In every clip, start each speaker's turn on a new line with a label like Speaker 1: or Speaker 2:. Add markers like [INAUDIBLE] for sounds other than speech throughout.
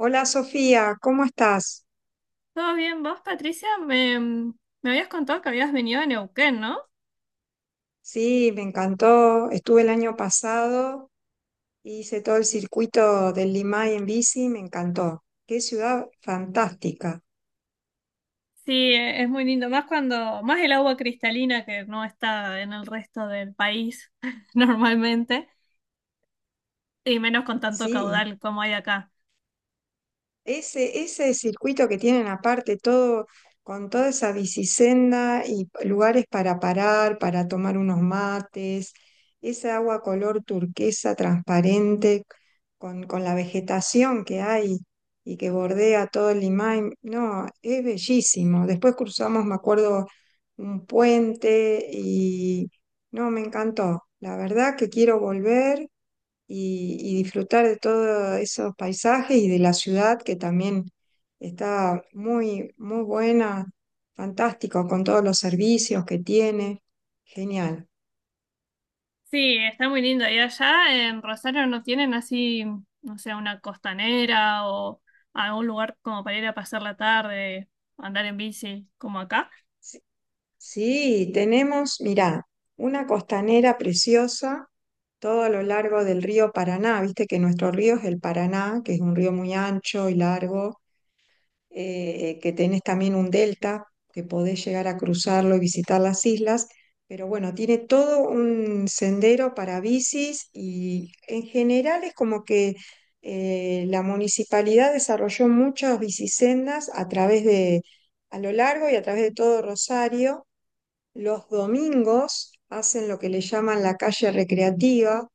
Speaker 1: Hola Sofía, ¿cómo estás?
Speaker 2: ¿Todo bien? ¿Vos, Patricia? Me habías contado que habías venido de Neuquén, ¿no?
Speaker 1: Sí, me encantó. Estuve el año pasado, hice todo el circuito del Limay en bici, me encantó. Qué ciudad fantástica.
Speaker 2: Sí, es muy lindo. Más el agua cristalina que no está en el resto del país [LAUGHS] normalmente. Y menos con tanto
Speaker 1: Sí.
Speaker 2: caudal como hay acá.
Speaker 1: Ese circuito que tienen aparte, todo, con toda esa bicisenda y lugares para parar, para tomar unos mates, esa agua color turquesa transparente, con la vegetación que hay y que bordea todo el Limay, no, es bellísimo. Después cruzamos, me acuerdo, un puente, no, me encantó. La verdad que quiero volver y disfrutar de todos esos paisajes y de la ciudad que también está muy, muy buena, fantástico, con todos los servicios que tiene. Genial.
Speaker 2: Sí, está muy lindo. Y allá en Rosario no tienen así, no sé, una costanera o algún lugar como para ir a pasar la tarde, andar en bici, como acá.
Speaker 1: Sí, sí, tenemos, mirá, una costanera preciosa todo a lo largo del río Paraná. Viste que nuestro río es el Paraná, que es un río muy ancho y largo, que tenés también un delta, que podés llegar a cruzarlo y visitar las islas, pero bueno, tiene todo un sendero para bicis y en general es como que, la municipalidad desarrolló muchas bicisendas a través de, a lo largo y a través de todo Rosario. Los domingos hacen lo que le llaman la calle recreativa,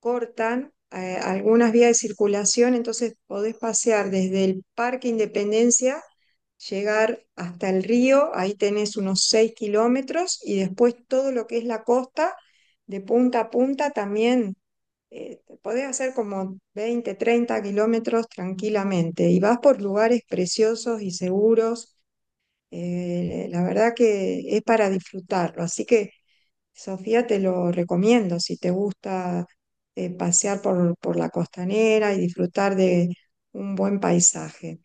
Speaker 1: cortan, algunas vías de circulación, entonces podés pasear desde el Parque Independencia, llegar hasta el río, ahí tenés unos 6 kilómetros, y después todo lo que es la costa, de punta a punta también. Podés hacer como 20, 30 kilómetros tranquilamente y vas por lugares preciosos y seguros. La verdad que es para disfrutarlo. Así que, Sofía, te lo recomiendo si te gusta, pasear por, la costanera y disfrutar de un buen paisaje.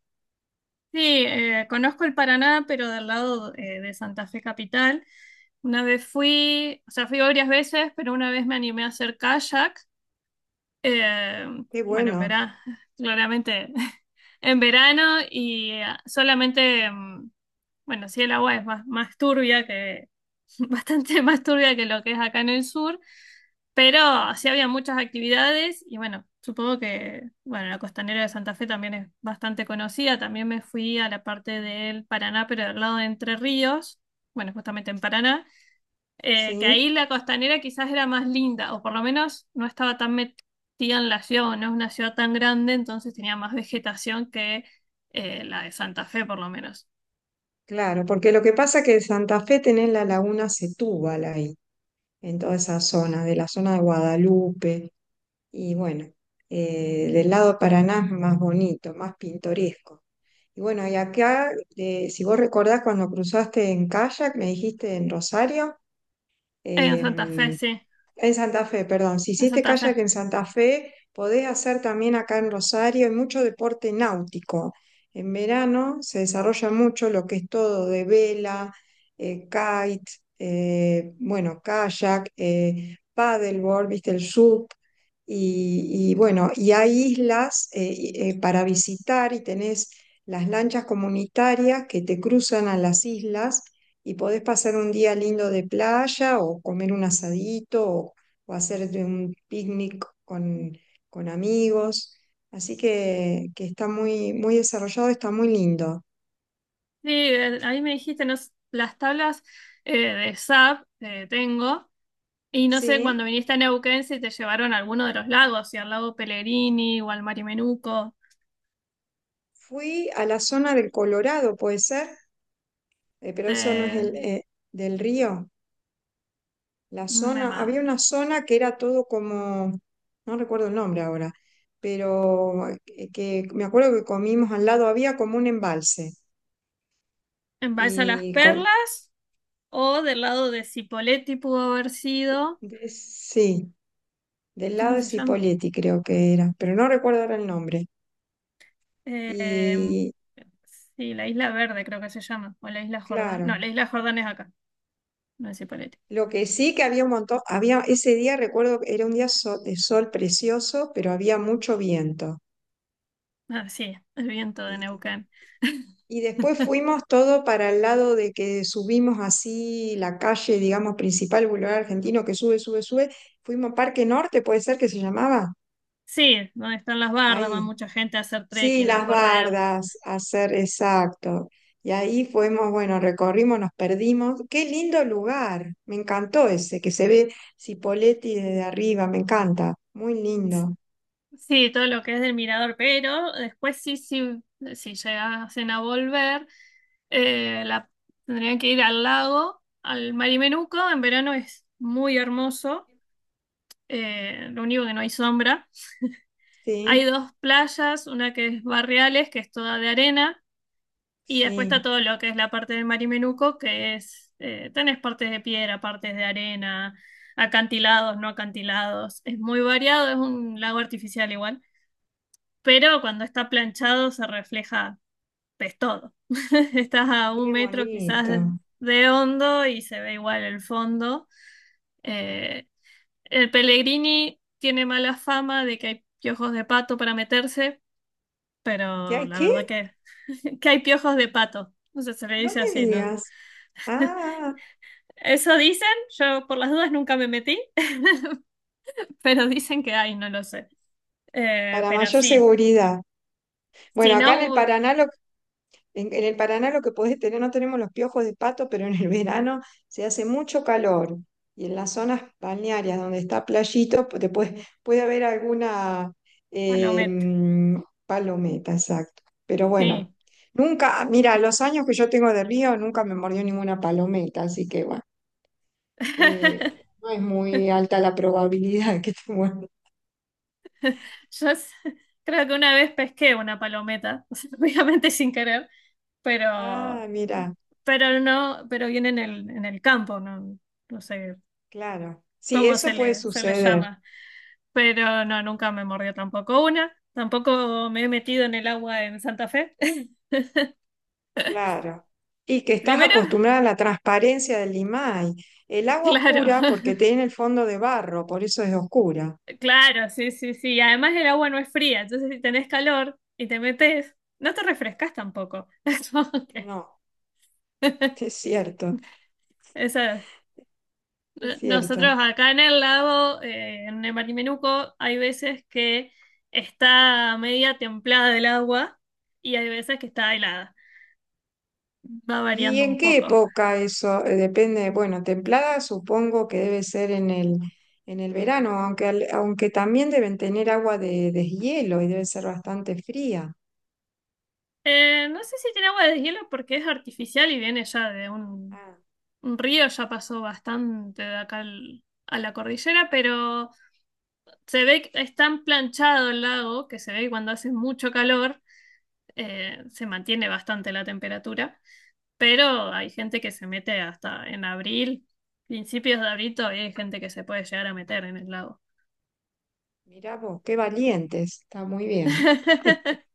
Speaker 2: Sí, conozco el Paraná, pero del lado de Santa Fe Capital. Una vez fui, o sea, fui varias veces, pero una vez me animé a hacer kayak. eh,
Speaker 1: Qué
Speaker 2: bueno, en
Speaker 1: bueno,
Speaker 2: verano, claramente [LAUGHS] en verano y solamente, bueno, sí, el agua es más turbia que, [LAUGHS] bastante más turbia que lo que es acá en el sur, pero sí había muchas actividades y bueno, supongo que, bueno, la costanera de Santa Fe también es bastante conocida. También me fui a la parte del Paraná, pero del lado de Entre Ríos, bueno, justamente en Paraná, que
Speaker 1: sí,
Speaker 2: ahí la costanera quizás era más linda, o por lo menos no estaba tan metida en la ciudad, o no es una ciudad tan grande, entonces tenía más vegetación que la de Santa Fe, por lo menos.
Speaker 1: claro, porque lo que pasa es que en Santa Fe tenés la laguna Setúbal ahí, en toda esa zona, de la zona de Guadalupe, y bueno, del lado de Paraná es más bonito, más pintoresco. Y bueno, y acá, si vos recordás cuando cruzaste en kayak, me dijiste en Rosario,
Speaker 2: En Santa Fe,
Speaker 1: em,
Speaker 2: sí,
Speaker 1: en Santa Fe, perdón. Si
Speaker 2: en
Speaker 1: hiciste
Speaker 2: Santa
Speaker 1: kayak
Speaker 2: Fe.
Speaker 1: en Santa Fe, podés hacer también acá en Rosario. Hay mucho deporte náutico. En verano se desarrolla mucho lo que es todo de vela, kite, bueno, kayak, paddleboard, viste, el SUP. Y bueno, y hay islas para visitar y tenés las lanchas comunitarias que te cruzan a las islas y podés pasar un día lindo de playa o comer un asadito, o hacer un picnic con amigos. Así que está muy, muy desarrollado, está muy lindo.
Speaker 2: Sí, ahí me dijiste, no, las tablas de SAP tengo, y no sé, cuando
Speaker 1: Sí,
Speaker 2: viniste a Neuquén si te llevaron a alguno de los lagos, si al lago Pellegrini o al Marimenuco,
Speaker 1: fui a la zona del Colorado, puede ser. Pero eso no es
Speaker 2: de,
Speaker 1: el, del río. La
Speaker 2: me
Speaker 1: zona,
Speaker 2: ma-
Speaker 1: había una zona que era todo como, no recuerdo el nombre ahora, pero, que me acuerdo que comimos al lado, había como un embalse
Speaker 2: en Balsa Las
Speaker 1: y
Speaker 2: Perlas, o del lado de Cipolletti pudo haber sido,
Speaker 1: Sí, del lado
Speaker 2: ¿cómo
Speaker 1: de
Speaker 2: se llama?
Speaker 1: Cipolletti creo que era, pero no recuerdo ahora el nombre.
Speaker 2: Eh,
Speaker 1: Y
Speaker 2: sí, la Isla Verde creo que se llama, o la Isla Jordán, no,
Speaker 1: claro,
Speaker 2: la Isla Jordán es acá, no es Cipolletti.
Speaker 1: lo que sí, que había un montón, había ese día, recuerdo que era un día de sol precioso, pero había mucho viento.
Speaker 2: Ah, sí, el viento de
Speaker 1: Y,
Speaker 2: Neuquén.
Speaker 1: y después fuimos todo para el lado de que subimos así la calle, digamos, principal, Boulevard Argentino, que sube, sube, sube. Fuimos Parque Norte, puede ser que se llamaba,
Speaker 2: Sí, donde están las bardas, va
Speaker 1: ahí.
Speaker 2: mucha gente a hacer
Speaker 1: Sí,
Speaker 2: trekking, a
Speaker 1: las
Speaker 2: correr.
Speaker 1: bardas, hacer, exacto. Y ahí fuimos, bueno, recorrimos, nos perdimos. Qué lindo lugar, me encantó ese, que se ve Cipolletti desde arriba, me encanta, muy lindo.
Speaker 2: Sí, todo lo que es del mirador, pero después sí, sí, si llegasen a volver, eh, la, tendrían que ir al lago, al Marimenuco. En verano es muy hermoso, lo único que no hay sombra. Hay
Speaker 1: Sí,
Speaker 2: dos playas, una que es Barriales, que es toda de arena. Y después está
Speaker 1: sí,
Speaker 2: todo lo que es la parte del Marimenuco, que es, tenés partes de piedra, partes de arena, acantilados, no acantilados. Es muy variado, es un lago artificial igual, pero cuando está planchado se refleja, pues todo. [LAUGHS] Estás a un
Speaker 1: qué
Speaker 2: metro quizás
Speaker 1: bonito.
Speaker 2: de hondo y se ve igual el fondo. Eh, el Pellegrini tiene mala fama de que hay piojos de pato para meterse,
Speaker 1: ¿Y
Speaker 2: pero
Speaker 1: hay
Speaker 2: la
Speaker 1: qué?
Speaker 2: verdad que, [LAUGHS] que hay piojos de pato. O sea se le
Speaker 1: No
Speaker 2: dice
Speaker 1: me
Speaker 2: así, ¿no?
Speaker 1: digas. Ah,
Speaker 2: Eso dicen, yo por las dudas nunca me metí, [LAUGHS] pero dicen que hay, no lo sé.
Speaker 1: para
Speaker 2: Pero
Speaker 1: mayor
Speaker 2: sí,
Speaker 1: seguridad.
Speaker 2: si
Speaker 1: Bueno, acá en el
Speaker 2: no,
Speaker 1: Paraná, en el Paraná lo que podés tener, no tenemos los piojos de pato, pero en el [LAUGHS] verano se hace mucho calor. Y en las zonas balnearias donde está playito, te puede haber alguna,
Speaker 2: palometa,
Speaker 1: palometa, exacto. Pero bueno,
Speaker 2: sí.
Speaker 1: nunca, mira, los años que yo tengo de río nunca me mordió ninguna palometa, así que bueno, eh,
Speaker 2: [LAUGHS]
Speaker 1: no es muy alta la probabilidad [LAUGHS] que te muerda.
Speaker 2: Yo s- Creo que una vez pesqué una palometa, [LAUGHS] o sea, obviamente sin querer, pero,
Speaker 1: Ah, mira,
Speaker 2: pero no, pero viene en en el campo, no, no sé
Speaker 1: claro. Sí,
Speaker 2: cómo se
Speaker 1: eso puede
Speaker 2: se le
Speaker 1: suceder.
Speaker 2: llama. Pero no, nunca me mordió tampoco una. Tampoco me he metido en el agua en Santa Fe. [LAUGHS]
Speaker 1: Claro. Y que estás
Speaker 2: Primero,
Speaker 1: acostumbrada a la transparencia del limay. El agua
Speaker 2: claro,
Speaker 1: oscura porque tiene el fondo de barro, por eso es oscura.
Speaker 2: [LAUGHS] claro, sí, sí, sí. Además el agua no es fría, entonces si tenés calor y te metes, no te refrescas tampoco. [LAUGHS] Es como que
Speaker 1: No, [LAUGHS] es cierto,
Speaker 2: eso.
Speaker 1: es cierto.
Speaker 2: Nosotros acá en el lago, en el Marimenuco, hay veces que está media templada el agua y hay veces que está helada. Va
Speaker 1: ¿Y
Speaker 2: variando
Speaker 1: en
Speaker 2: un
Speaker 1: qué
Speaker 2: poco.
Speaker 1: época eso? Depende, bueno, templada supongo que debe ser en el verano, aunque, aunque también deben tener agua de deshielo y debe ser bastante fría.
Speaker 2: No sé si tiene agua de hielo porque es artificial y viene ya de
Speaker 1: Ah,
Speaker 2: un río, ya pasó bastante de acá a la cordillera, pero se ve que es tan planchado el lago que se ve que cuando hace mucho calor se mantiene bastante la temperatura, pero hay gente que se mete hasta en abril, principios de abril todavía hay gente que se puede llegar a meter en el lago.
Speaker 1: mirá vos, qué valientes, está muy bien.
Speaker 2: [LAUGHS]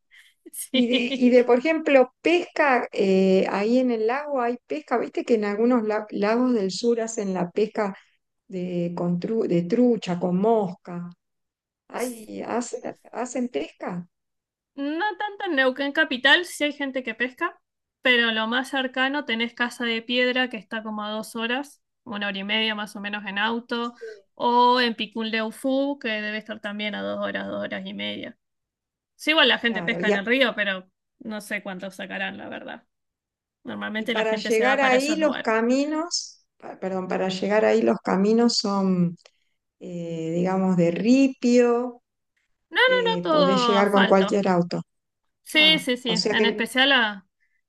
Speaker 2: Sí.
Speaker 1: Por ejemplo, pesca, ahí en el lago hay pesca, viste que en algunos lagos del sur hacen la pesca de trucha, con mosca. Ahí hacen pesca.
Speaker 2: No tanto en Neuquén capital, sí hay gente que pesca, pero lo más cercano tenés Casa de Piedra, que está como a 2 horas, 1 hora y media más o menos en auto,
Speaker 1: Sí.
Speaker 2: o en Picún Leufú, que debe estar también a 2 horas, 2 horas y media. Sí, igual la gente
Speaker 1: Claro,
Speaker 2: pesca en
Speaker 1: ya.
Speaker 2: el río, pero no sé cuántos sacarán, la verdad.
Speaker 1: Y
Speaker 2: Normalmente la
Speaker 1: para
Speaker 2: gente se va
Speaker 1: llegar
Speaker 2: para
Speaker 1: ahí
Speaker 2: esos
Speaker 1: los
Speaker 2: lugares.
Speaker 1: caminos, perdón, para llegar ahí los caminos son, digamos, de ripio,
Speaker 2: No, no, no,
Speaker 1: podés
Speaker 2: todo
Speaker 1: llegar con
Speaker 2: asfalto.
Speaker 1: cualquier auto.
Speaker 2: Sí,
Speaker 1: Ah,
Speaker 2: sí, sí.
Speaker 1: o sea
Speaker 2: En
Speaker 1: que,
Speaker 2: especial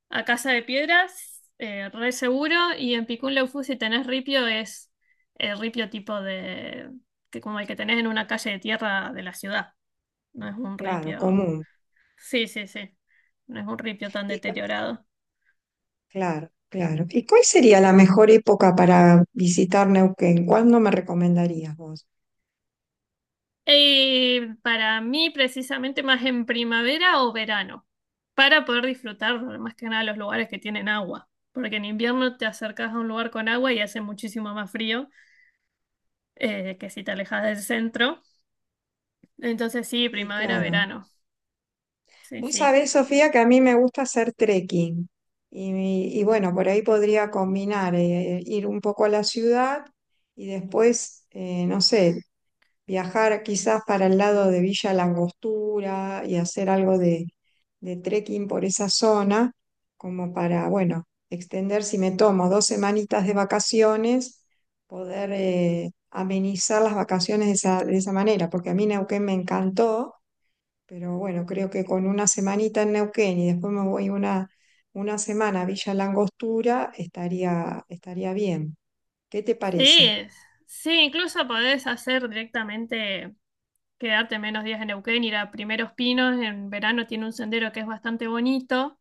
Speaker 2: a Casa de Piedras, re seguro. Y en Picún Leufu, si tenés ripio, es el ripio tipo de… que como el que tenés en una calle de tierra de la ciudad. No es un
Speaker 1: claro,
Speaker 2: ripio…
Speaker 1: común.
Speaker 2: Sí, sí, sí. No es un ripio tan
Speaker 1: Y, cu-
Speaker 2: deteriorado.
Speaker 1: Claro, claro. ¿Y cuál sería la mejor época para visitar Neuquén? ¿Cuándo me recomendarías vos?
Speaker 2: Y para mí, precisamente, más en primavera o verano. Para poder disfrutar, más que nada, los lugares que tienen agua. Porque en invierno te acercas a un lugar con agua y hace muchísimo más frío. Que si te alejas del centro. Entonces sí,
Speaker 1: Sí,
Speaker 2: primavera,
Speaker 1: claro.
Speaker 2: verano. Sí,
Speaker 1: Vos
Speaker 2: sí.
Speaker 1: sabés, Sofía, que a mí me gusta hacer trekking. Y bueno, por ahí podría combinar, ir un poco a la ciudad y después, no sé, viajar quizás para el lado de Villa Langostura y hacer algo de trekking por esa zona, como para, bueno, extender, si me tomo 2 semanitas de vacaciones, poder, amenizar las vacaciones de esa manera, porque a mí Neuquén me encantó, pero bueno, creo que con una semanita en Neuquén y después me voy una semana a Villa Langostura, estaría bien. ¿Qué te parece?
Speaker 2: Sí, sí, incluso podés hacer directamente, quedarte menos días en Neuquén, ir a Primeros Pinos. En verano tiene un sendero que es bastante bonito.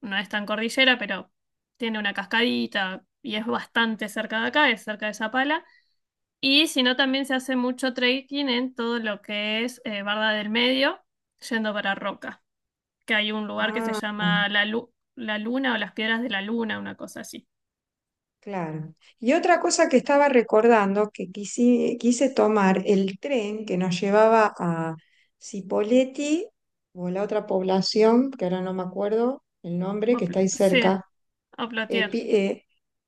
Speaker 2: No es tan cordillera, pero tiene una cascadita y es bastante cerca de acá, es cerca de Zapala. Y si no, también se hace mucho trekking en todo lo que es Barda del Medio, yendo para Roca. Que hay un lugar que se
Speaker 1: Ah.
Speaker 2: llama la Luna o las Piedras de la Luna, una cosa así.
Speaker 1: Claro. Y otra cosa que estaba recordando, que quise tomar el tren que nos llevaba a Cipolletti o la otra población, que ahora no me acuerdo el nombre, que está ahí
Speaker 2: Sí,
Speaker 1: cerca, eh,
Speaker 2: Oplotier.
Speaker 1: Pi- eh,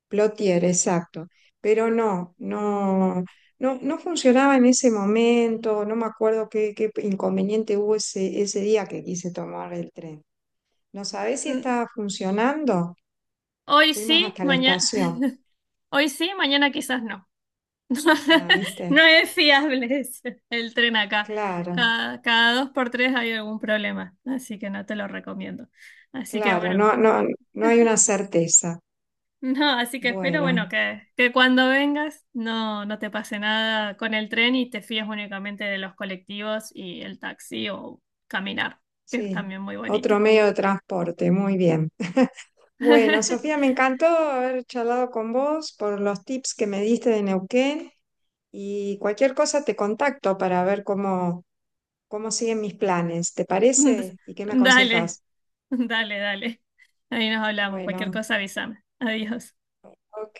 Speaker 1: Plotier, exacto. Pero no, no, no, no funcionaba en ese momento, no me acuerdo qué inconveniente hubo ese día que quise tomar el tren. ¿No sabés si
Speaker 2: Mm,
Speaker 1: estaba funcionando?
Speaker 2: Hoy
Speaker 1: Fuimos
Speaker 2: sí,
Speaker 1: hasta la
Speaker 2: mañana,
Speaker 1: estación.
Speaker 2: [LAUGHS] hoy sí, mañana quizás no. [LAUGHS]
Speaker 1: Ah,
Speaker 2: No
Speaker 1: ¿viste?
Speaker 2: es fiable [LAUGHS] el tren acá.
Speaker 1: Claro,
Speaker 2: Cada dos por tres hay algún problema, así que no te lo recomiendo. Así que
Speaker 1: claro,
Speaker 2: bueno,
Speaker 1: no, no, no hay una certeza.
Speaker 2: no, así que espero, bueno,
Speaker 1: Bueno,
Speaker 2: que cuando vengas no te pase nada con el tren y te fíes únicamente de los colectivos y el taxi o caminar, que es
Speaker 1: sí,
Speaker 2: también muy
Speaker 1: otro
Speaker 2: bonito.
Speaker 1: medio de transporte, muy bien. [LAUGHS] Bueno, Sofía,
Speaker 2: [LAUGHS]
Speaker 1: me encantó haber charlado con vos por los tips que me diste de Neuquén y cualquier cosa te contacto para ver cómo siguen mis planes, ¿te parece? ¿Y qué me
Speaker 2: Dale,
Speaker 1: aconsejas?
Speaker 2: dale, dale. Ahí nos hablamos. Cualquier
Speaker 1: Bueno,
Speaker 2: cosa avísame. Adiós.
Speaker 1: ok.